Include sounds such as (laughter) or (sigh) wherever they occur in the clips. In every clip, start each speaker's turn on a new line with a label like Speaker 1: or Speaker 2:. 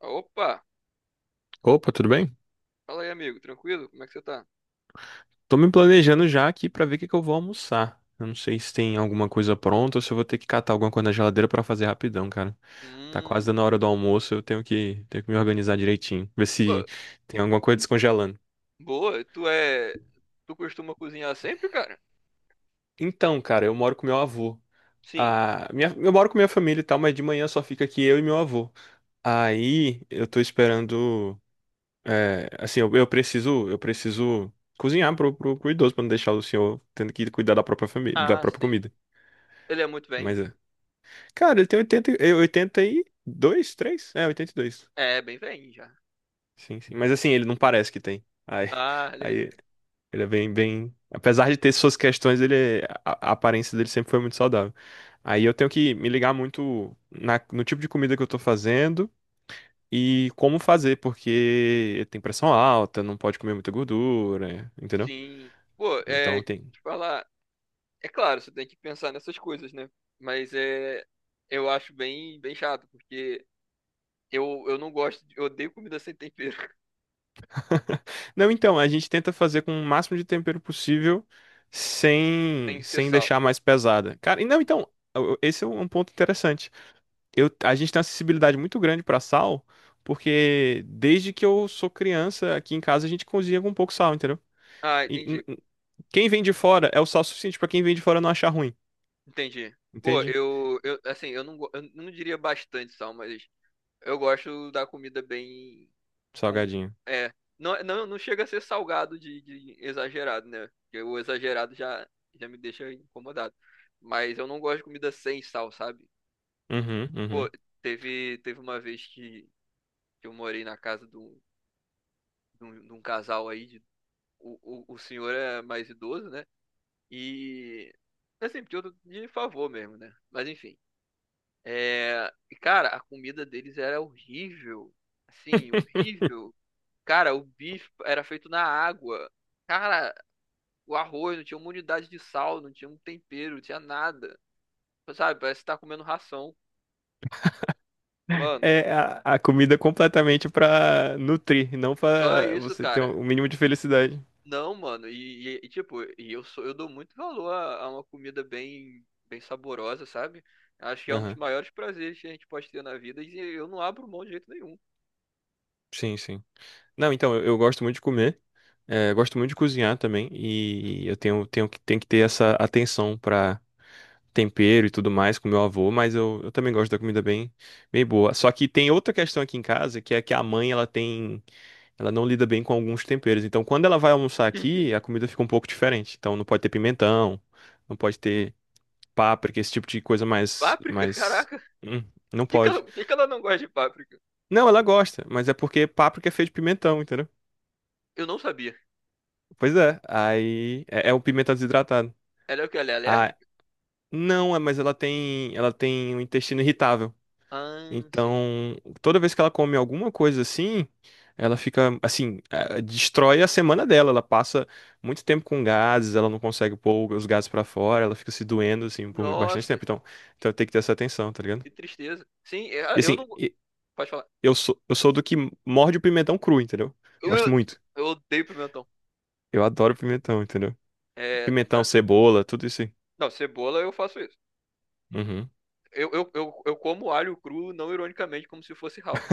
Speaker 1: Opa!
Speaker 2: Opa, tudo bem?
Speaker 1: Fala aí, amigo. Tranquilo? Como é que você tá?
Speaker 2: Tô me planejando já aqui pra ver o que que eu vou almoçar. Eu não sei se tem alguma coisa pronta ou se eu vou ter que catar alguma coisa na geladeira pra fazer rapidão, cara. Tá quase
Speaker 1: Hum,
Speaker 2: dando a hora do almoço, eu tenho que me organizar direitinho, ver
Speaker 1: pô,
Speaker 2: se tem alguma coisa descongelando.
Speaker 1: boa. Tu costuma cozinhar sempre, cara?
Speaker 2: Então, cara, eu moro com meu avô.
Speaker 1: Sim.
Speaker 2: Eu moro com minha família e tal, mas de manhã só fica aqui eu e meu avô. Aí eu tô esperando. É, assim, eu preciso cozinhar pro idoso pra não deixar o senhor tendo que cuidar da própria família, da
Speaker 1: Ah,
Speaker 2: própria
Speaker 1: sim.
Speaker 2: comida.
Speaker 1: Ele é muito bem?
Speaker 2: Mas é. Cara, ele tem 82, 3, é, 82.
Speaker 1: É, bem bem já.
Speaker 2: Sim, sim. Mas assim, ele não parece que tem. Aí,
Speaker 1: Ah,
Speaker 2: (laughs) aí ele é bem, bem. Apesar de ter suas questões, a aparência dele sempre foi muito saudável. Aí eu tenho que me ligar muito no tipo de comida que eu tô fazendo e como fazer, porque tem pressão alta, não pode comer muita gordura, entendeu?
Speaker 1: sim. Pô,
Speaker 2: Então tem.
Speaker 1: Te falar. É claro, você tem que pensar nessas coisas, né? Mas Eu acho bem, bem chato, porque eu não gosto Eu odeio comida sem tempero.
Speaker 2: Não, então, a gente tenta fazer com o máximo de tempero possível
Speaker 1: (laughs) Tem
Speaker 2: sem,
Speaker 1: que ser
Speaker 2: sem
Speaker 1: sal.
Speaker 2: deixar mais pesada. Cara, e não, então, esse é um ponto interessante. A gente tem uma sensibilidade muito grande para sal, porque desde que eu sou criança, aqui em casa a gente cozinha com pouco sal, entendeu?
Speaker 1: Ah,
Speaker 2: E
Speaker 1: entendi.
Speaker 2: quem vem de fora é o sal suficiente para quem vem de fora não achar ruim,
Speaker 1: Entendi. Pô,
Speaker 2: entende?
Speaker 1: eu assim, eu não diria bastante sal, mas Eu gosto da comida bem. Com...
Speaker 2: Salgadinho.
Speaker 1: É. Não, não, não chega a ser salgado de exagerado, né? Porque o exagerado já me deixa incomodado. Mas eu não gosto de comida sem sal, sabe?
Speaker 2: Uhum,
Speaker 1: Pô,
Speaker 2: uhum.
Speaker 1: teve uma vez que eu morei na casa de um, casal aí. O, o senhor é mais idoso, né? E. Assim, porque eu tô de favor mesmo, né? Mas enfim. Cara, a comida deles era horrível. Assim,
Speaker 2: (laughs)
Speaker 1: horrível. Cara, o bife era feito na água. Cara, o arroz não tinha uma unidade de sal, não tinha um tempero, não tinha nada. Sabe, parece que tá comendo ração. Mano,
Speaker 2: É a comida completamente para nutrir, não
Speaker 1: só
Speaker 2: para
Speaker 1: isso,
Speaker 2: você ter
Speaker 1: cara.
Speaker 2: o mínimo de felicidade.
Speaker 1: Não, mano, e, tipo, eu dou muito valor a uma comida bem, bem saborosa, sabe? Acho que é um dos
Speaker 2: Aham.
Speaker 1: maiores prazeres que a gente pode ter na vida e eu não abro mão de jeito nenhum.
Speaker 2: Sim, sim. Não, então, eu gosto muito de comer, gosto muito de cozinhar também, e eu tenho que ter essa atenção pra tempero e tudo mais com meu avô, mas eu também gosto da comida bem, bem boa. Só que tem outra questão aqui em casa, que é que a mãe, ela não lida bem com alguns temperos, então quando ela vai almoçar aqui,
Speaker 1: (laughs)
Speaker 2: a comida fica um pouco diferente, então não pode ter pimentão, não pode ter páprica, esse tipo de coisa mais,
Speaker 1: Páprica?
Speaker 2: mais,
Speaker 1: Caraca,
Speaker 2: hum, não
Speaker 1: por que que ela,
Speaker 2: pode.
Speaker 1: por que que ela não gosta de páprica?
Speaker 2: Não, ela gosta, mas é porque páprica é feito de pimentão, entendeu?
Speaker 1: Eu não sabia.
Speaker 2: Pois é, aí é o pimenta desidratado.
Speaker 1: Ela é o que? Ela é
Speaker 2: Ah,
Speaker 1: alérgica?
Speaker 2: não, é, mas ela tem um intestino irritável.
Speaker 1: Ah, sim.
Speaker 2: Então, toda vez que ela come alguma coisa assim, ela fica assim, destrói a semana dela. Ela passa muito tempo com gases, ela não consegue pôr os gases pra fora, ela fica se doendo assim por bastante
Speaker 1: Nossa,
Speaker 2: tempo. Então, tem que ter essa atenção, tá ligado?
Speaker 1: que tristeza. Sim, é,
Speaker 2: E
Speaker 1: eu não.
Speaker 2: assim,
Speaker 1: Pode falar.
Speaker 2: eu sou do que morde o pimentão cru, entendeu? Gosto
Speaker 1: Eu,
Speaker 2: muito.
Speaker 1: eu odeio pimentão.
Speaker 2: Eu adoro pimentão, entendeu?
Speaker 1: É,
Speaker 2: Pimentão,
Speaker 1: ah,
Speaker 2: cebola, tudo isso aí.
Speaker 1: não, cebola eu faço isso.
Speaker 2: Uhum.
Speaker 1: Eu como alho cru, não ironicamente, como se fosse house.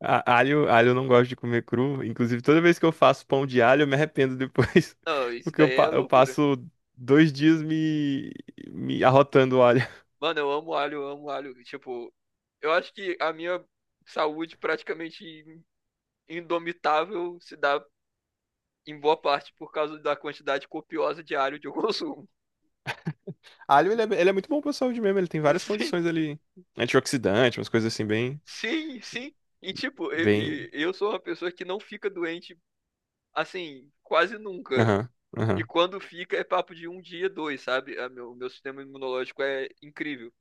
Speaker 2: Alho eu não gosto de comer cru. Inclusive, toda vez que eu faço pão de alho, eu me arrependo depois.
Speaker 1: Não,
Speaker 2: (laughs)
Speaker 1: isso
Speaker 2: Porque eu,
Speaker 1: daí é
Speaker 2: pa- eu
Speaker 1: loucura.
Speaker 2: passo 2 dias me arrotando o alho.
Speaker 1: Mano, eu amo alho, eu amo alho. Tipo, eu acho que a minha saúde praticamente indomitável se dá em boa parte por causa da quantidade copiosa de alho que eu consumo.
Speaker 2: Alho, ele é muito bom pra saúde mesmo. Ele tem
Speaker 1: (laughs)
Speaker 2: várias
Speaker 1: Sim,
Speaker 2: condições ali. Antioxidante, umas coisas assim, bem.
Speaker 1: sim, sim. E tipo, eu,
Speaker 2: Bem.
Speaker 1: eu sou uma pessoa que não fica doente assim, quase nunca.
Speaker 2: Aham,
Speaker 1: E
Speaker 2: aham,
Speaker 1: quando fica, é papo de um dia, dois, sabe? O meu sistema imunológico é incrível.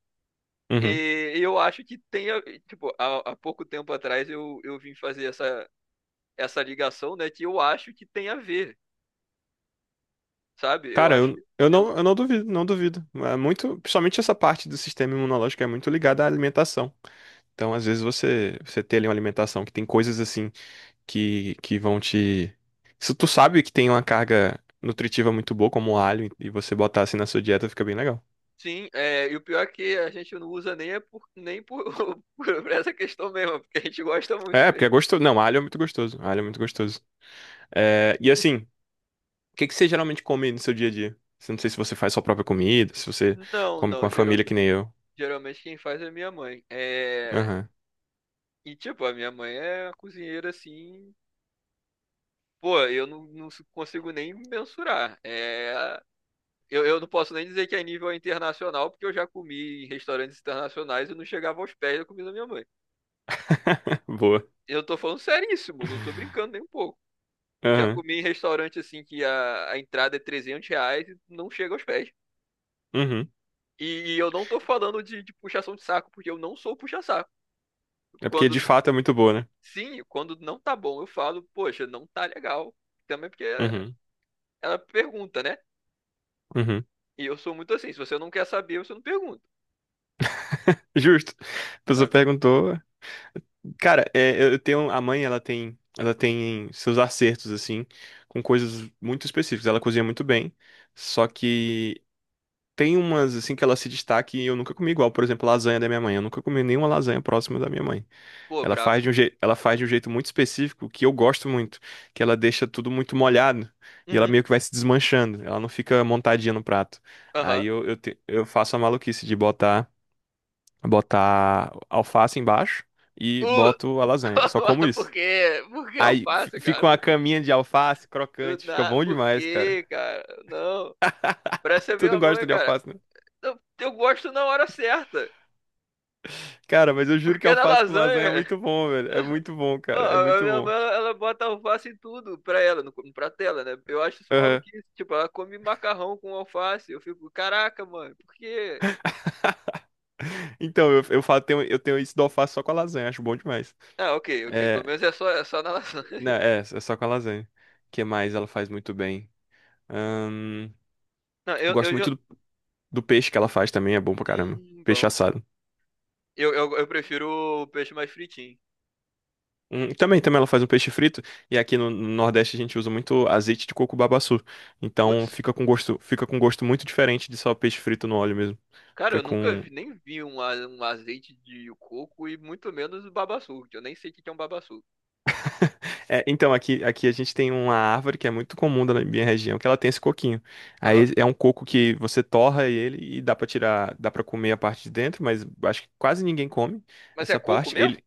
Speaker 2: uhum.
Speaker 1: E eu acho que tem, tipo, há pouco tempo atrás eu vim fazer essa ligação, né? Que eu acho que tem a ver, sabe? Eu
Speaker 2: Cara,
Speaker 1: acho que
Speaker 2: eu, eu
Speaker 1: tem algum.
Speaker 2: não, eu não duvido, não duvido. É muito, principalmente essa parte do sistema imunológico é muito ligada à alimentação. Então, às vezes, você ter ali uma alimentação que tem coisas assim que vão te. Se tu sabe que tem uma carga nutritiva muito boa, como o alho, e você botar assim na sua dieta, fica bem legal.
Speaker 1: Sim, é, e o pior é que a gente não usa nem, nem por, (laughs) por essa questão mesmo, porque a gente gosta muito
Speaker 2: É, porque é
Speaker 1: mesmo.
Speaker 2: gostoso. Não, alho é muito gostoso. Alho é muito gostoso. É, e assim, o que que você geralmente come no seu dia a dia? Eu não sei se você faz sua própria comida, se você
Speaker 1: Não,
Speaker 2: come com
Speaker 1: não,
Speaker 2: a família que
Speaker 1: geralmente,
Speaker 2: nem eu.
Speaker 1: geralmente quem faz é minha mãe. É,
Speaker 2: Aham.
Speaker 1: e, tipo, a minha mãe é uma cozinheira, assim, Pô, eu não consigo nem mensurar. É, eu não posso nem dizer que é nível internacional, porque eu já comi em restaurantes internacionais e não chegava aos pés da comida da minha mãe.
Speaker 2: (laughs) Boa.
Speaker 1: Eu tô falando seríssimo, não tô brincando nem um pouco. Já
Speaker 2: Aham.
Speaker 1: comi em restaurante assim que a entrada é R$ 300 e não chega aos pés.
Speaker 2: Uhum.
Speaker 1: E eu não tô falando de puxação de saco, porque eu não sou puxa-saco.
Speaker 2: É porque de
Speaker 1: Quando,
Speaker 2: fato é muito boa, né?
Speaker 1: sim, quando não tá bom, eu falo, poxa, não tá legal. Também porque
Speaker 2: Uhum.
Speaker 1: ela pergunta, né?
Speaker 2: Uhum.
Speaker 1: E eu sou muito assim, se você não quer saber, você não pergunta.
Speaker 2: (laughs) Justo. A pessoa
Speaker 1: Sabe?
Speaker 2: perguntou. Cara, é, eu tenho a mãe, ela tem seus acertos assim, com coisas muito específicas. Ela cozinha muito bem, só que tem umas assim que ela se destaca e eu nunca comi igual. Por exemplo, lasanha da minha mãe. Eu nunca comi nenhuma lasanha próxima da minha mãe.
Speaker 1: Pô,
Speaker 2: Ela
Speaker 1: brabo.
Speaker 2: faz de um jeito, ela faz de um jeito muito específico que eu gosto muito, que ela deixa tudo muito molhado e ela
Speaker 1: Uhum.
Speaker 2: meio que vai se desmanchando. Ela não fica montadinha no prato. Aí
Speaker 1: Aham.
Speaker 2: eu faço a maluquice de botar, alface embaixo e
Speaker 1: Uh,
Speaker 2: boto a lasanha. Só como
Speaker 1: (laughs) por
Speaker 2: isso.
Speaker 1: quê? Por que eu
Speaker 2: Aí f-
Speaker 1: faço, cara?
Speaker 2: fica uma
Speaker 1: Por que,
Speaker 2: caminha de alface
Speaker 1: do
Speaker 2: crocante, fica
Speaker 1: na...
Speaker 2: bom
Speaker 1: por
Speaker 2: demais, cara.
Speaker 1: quê, cara? Não. Parece a
Speaker 2: Tu
Speaker 1: minha
Speaker 2: não
Speaker 1: mãe,
Speaker 2: gosta de
Speaker 1: cara.
Speaker 2: alface, né?
Speaker 1: Eu gosto na hora certa.
Speaker 2: Cara, mas eu juro
Speaker 1: Porque
Speaker 2: que
Speaker 1: é na
Speaker 2: alface com lasanha é
Speaker 1: lasanha,
Speaker 2: muito bom, velho. É muito bom,
Speaker 1: (laughs) ó,
Speaker 2: cara. É
Speaker 1: a
Speaker 2: muito
Speaker 1: minha
Speaker 2: bom.
Speaker 1: mãe, ela bota alface em tudo pra ela, no prato dela, né? Eu acho isso
Speaker 2: Aham. (laughs)
Speaker 1: maluquice. Tipo, ela come macarrão com alface. Eu fico, caraca, mano, por quê?
Speaker 2: Então, eu tenho isso do alface só com a lasanha, acho bom demais.
Speaker 1: Ah, ok, ok. Pelo
Speaker 2: É,
Speaker 1: menos é só na lasanha.
Speaker 2: não,
Speaker 1: (laughs)
Speaker 2: é só com a lasanha. O que mais ela faz muito bem? Ahn,
Speaker 1: Não,
Speaker 2: eu
Speaker 1: eu, eu,
Speaker 2: gosto muito
Speaker 1: eu...
Speaker 2: do peixe que ela faz também, é bom pra caramba. Peixe
Speaker 1: Bom.
Speaker 2: assado.
Speaker 1: Eu prefiro o peixe mais fritinho.
Speaker 2: Também ela faz um peixe frito e aqui no Nordeste a gente usa muito azeite de coco babaçu. Então
Speaker 1: Putz.
Speaker 2: fica com gosto muito diferente de só peixe frito no óleo mesmo.
Speaker 1: Cara,
Speaker 2: Fica
Speaker 1: eu nunca
Speaker 2: com
Speaker 1: nem vi um azeite de coco e muito menos o babaçu. Eu nem sei o que que é um babaçu.
Speaker 2: É, então aqui a gente tem uma árvore que é muito comum da minha região, que ela tem esse coquinho. Aí
Speaker 1: Aham.
Speaker 2: é um coco que você torra ele e dá pra tirar, dá pra comer a parte de dentro, mas acho que quase ninguém come
Speaker 1: Mas é
Speaker 2: essa
Speaker 1: coco
Speaker 2: parte.
Speaker 1: mesmo?
Speaker 2: Ele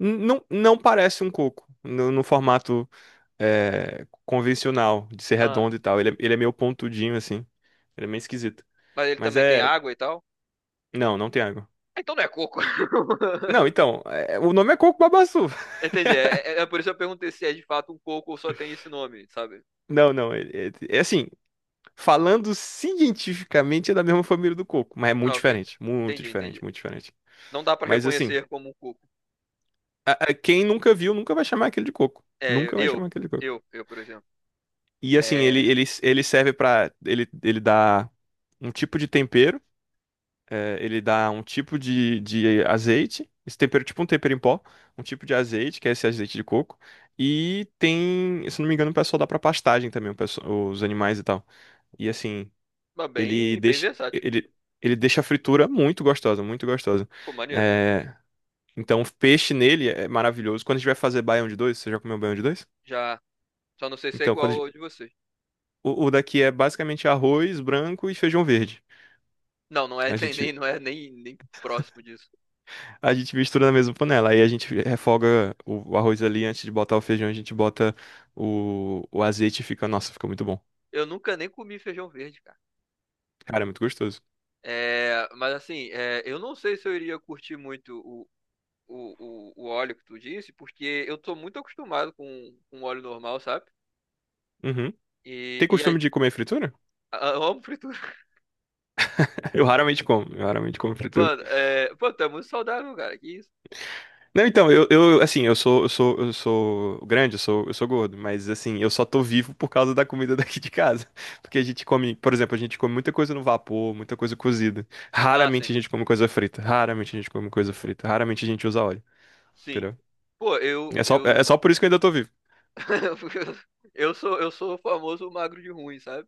Speaker 2: não parece um coco no formato convencional, de ser
Speaker 1: Ah,
Speaker 2: redondo e
Speaker 1: sim.
Speaker 2: tal. Ele é meio pontudinho, assim. Ele é meio esquisito.
Speaker 1: Mas ele
Speaker 2: Mas
Speaker 1: também tem
Speaker 2: é.
Speaker 1: água e tal?
Speaker 2: Não, não tem água.
Speaker 1: Ah, então não é coco.
Speaker 2: Não,
Speaker 1: (laughs)
Speaker 2: então, é, o nome é coco babaçu.
Speaker 1: Entendi.
Speaker 2: (laughs)
Speaker 1: É por isso que eu perguntei se é de fato um coco ou só tem esse nome, sabe?
Speaker 2: Não, não, é assim, falando cientificamente é da mesma família do coco, mas é muito
Speaker 1: Ah, ok.
Speaker 2: diferente, muito
Speaker 1: Entendi,
Speaker 2: diferente,
Speaker 1: entendi.
Speaker 2: muito diferente.
Speaker 1: Não dá pra
Speaker 2: Mas assim,
Speaker 1: reconhecer como um coco.
Speaker 2: quem nunca viu nunca vai chamar aquele de coco,
Speaker 1: É,
Speaker 2: nunca vai
Speaker 1: eu,
Speaker 2: chamar aquele de coco.
Speaker 1: eu, eu, por exemplo.
Speaker 2: E assim, ele,
Speaker 1: É,
Speaker 2: ele, ele serve pra. Ele dá um tipo de tempero é, ele dá um tipo de azeite, esse tempero, tipo um tempero em pó, um tipo de azeite, que é esse azeite de coco, e tem, se não me engano, o pessoal dá pra pastagem também, os animais e tal. E assim,
Speaker 1: mas
Speaker 2: ele
Speaker 1: bem, bem
Speaker 2: deixa,
Speaker 1: versátil.
Speaker 2: ele, ele deixa a fritura muito gostosa, muito gostosa.
Speaker 1: Pô, maneiro.
Speaker 2: É, então, o peixe nele é maravilhoso. Quando a gente vai fazer baião de dois, você já comeu baião de dois?
Speaker 1: Já, só não sei se é
Speaker 2: Então, quando
Speaker 1: igual ao de vocês.
Speaker 2: o daqui é basicamente arroz branco e feijão verde.
Speaker 1: Não, não é
Speaker 2: A
Speaker 1: (laughs)
Speaker 2: gente
Speaker 1: não é nem próximo disso.
Speaker 2: A gente mistura na mesma panela. Aí a gente refoga o arroz ali antes de botar o feijão, a gente bota o azeite e fica, nossa, fica muito bom.
Speaker 1: Eu nunca nem comi feijão verde, cara.
Speaker 2: Cara, é muito gostoso.
Speaker 1: É, mas assim, é, eu não sei se eu iria curtir muito o, óleo que tu disse, porque eu tô muito acostumado com óleo normal, sabe?
Speaker 2: Uhum.
Speaker 1: E,
Speaker 2: Tem
Speaker 1: e
Speaker 2: costume de comer fritura?
Speaker 1: eu amo fritura. (laughs)
Speaker 2: (laughs) Eu raramente como fritura.
Speaker 1: Mano, é, pô, tu é muito saudável, cara. Que isso?
Speaker 2: Não, então, eu assim, eu sou grande, eu sou gordo, mas assim, eu só tô vivo por causa da comida (laughs) daqui de casa. Porque a gente come, por exemplo, a gente come muita coisa no vapor, muita coisa cozida.
Speaker 1: Ah, sim.
Speaker 2: Raramente a gente come coisa frita, raramente a gente come coisa frita, raramente a gente usa óleo,
Speaker 1: Sim.
Speaker 2: entendeu?
Speaker 1: Pô,
Speaker 2: É só, é só por isso que eu ainda tô vivo.
Speaker 1: (laughs) eu sou o famoso magro de ruim, sabe?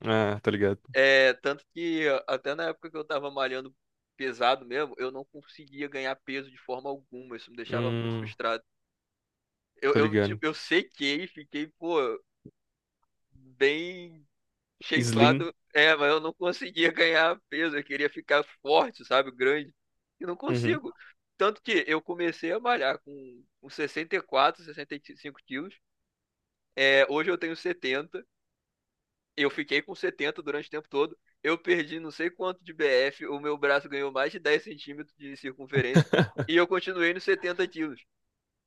Speaker 2: Ah, tô ligado.
Speaker 1: É, tanto que até na época que eu tava malhando pesado mesmo, eu não conseguia ganhar peso de forma alguma. Isso me deixava muito
Speaker 2: Hum,
Speaker 1: frustrado.
Speaker 2: tô ligado.
Speaker 1: Tipo, eu sequei, fiquei, pô, bem
Speaker 2: Slim.
Speaker 1: shapeado. É, mas eu não conseguia ganhar peso. Eu queria ficar forte, sabe? Grande. E não
Speaker 2: Uhum,
Speaker 1: consigo. Tanto que eu comecei a malhar com 64, 65 quilos. É, hoje eu tenho 70. Eu fiquei com 70 durante o tempo todo. Eu perdi não sei quanto de BF. O meu braço ganhou mais de 10 centímetros de circunferência. E eu continuei nos 70 quilos,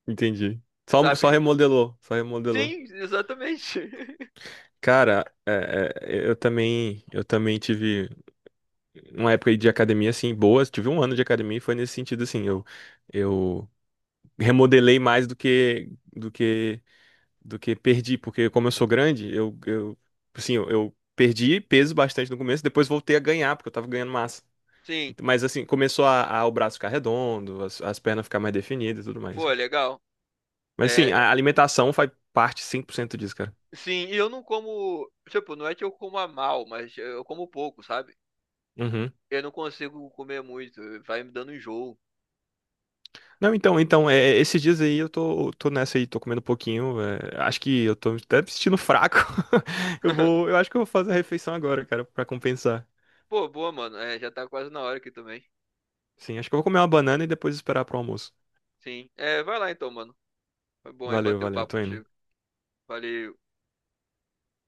Speaker 2: entendi. Só,
Speaker 1: sabe?
Speaker 2: só
Speaker 1: (laughs)
Speaker 2: remodelou, só remodelou.
Speaker 1: Sim, exatamente. (laughs)
Speaker 2: Cara, é, eu também tive uma época aí de academia assim boa, tive um ano de academia e foi nesse sentido assim, eu remodelei mais do que perdi, porque como eu sou grande, eu assim, eu perdi peso bastante no começo, depois voltei a ganhar porque eu tava ganhando massa.
Speaker 1: Sim.
Speaker 2: Mas assim, começou a, o braço ficar redondo, as pernas ficar mais definidas e tudo mais.
Speaker 1: Pô, legal.
Speaker 2: Mas sim,
Speaker 1: É,
Speaker 2: a alimentação faz parte 100% disso, cara.
Speaker 1: sim, e eu não como. Tipo, não é que eu coma mal, mas eu como pouco, sabe?
Speaker 2: Uhum.
Speaker 1: Eu não consigo comer muito, vai me dando enjoo.
Speaker 2: Não, então, esses dias aí eu tô nessa aí, tô comendo um pouquinho. Acho que eu tô até me sentindo fraco. (laughs) Eu
Speaker 1: (laughs)
Speaker 2: vou, eu acho que eu vou fazer a refeição agora, cara, pra compensar.
Speaker 1: Pô, boa, mano. É, já tá quase na hora aqui também.
Speaker 2: Sim, acho que eu vou comer uma banana e depois esperar pro almoço.
Speaker 1: Sim. É, vai lá então, mano. Foi bom aí
Speaker 2: Valeu,
Speaker 1: bater o
Speaker 2: valeu,
Speaker 1: papo
Speaker 2: tô indo.
Speaker 1: contigo. Valeu.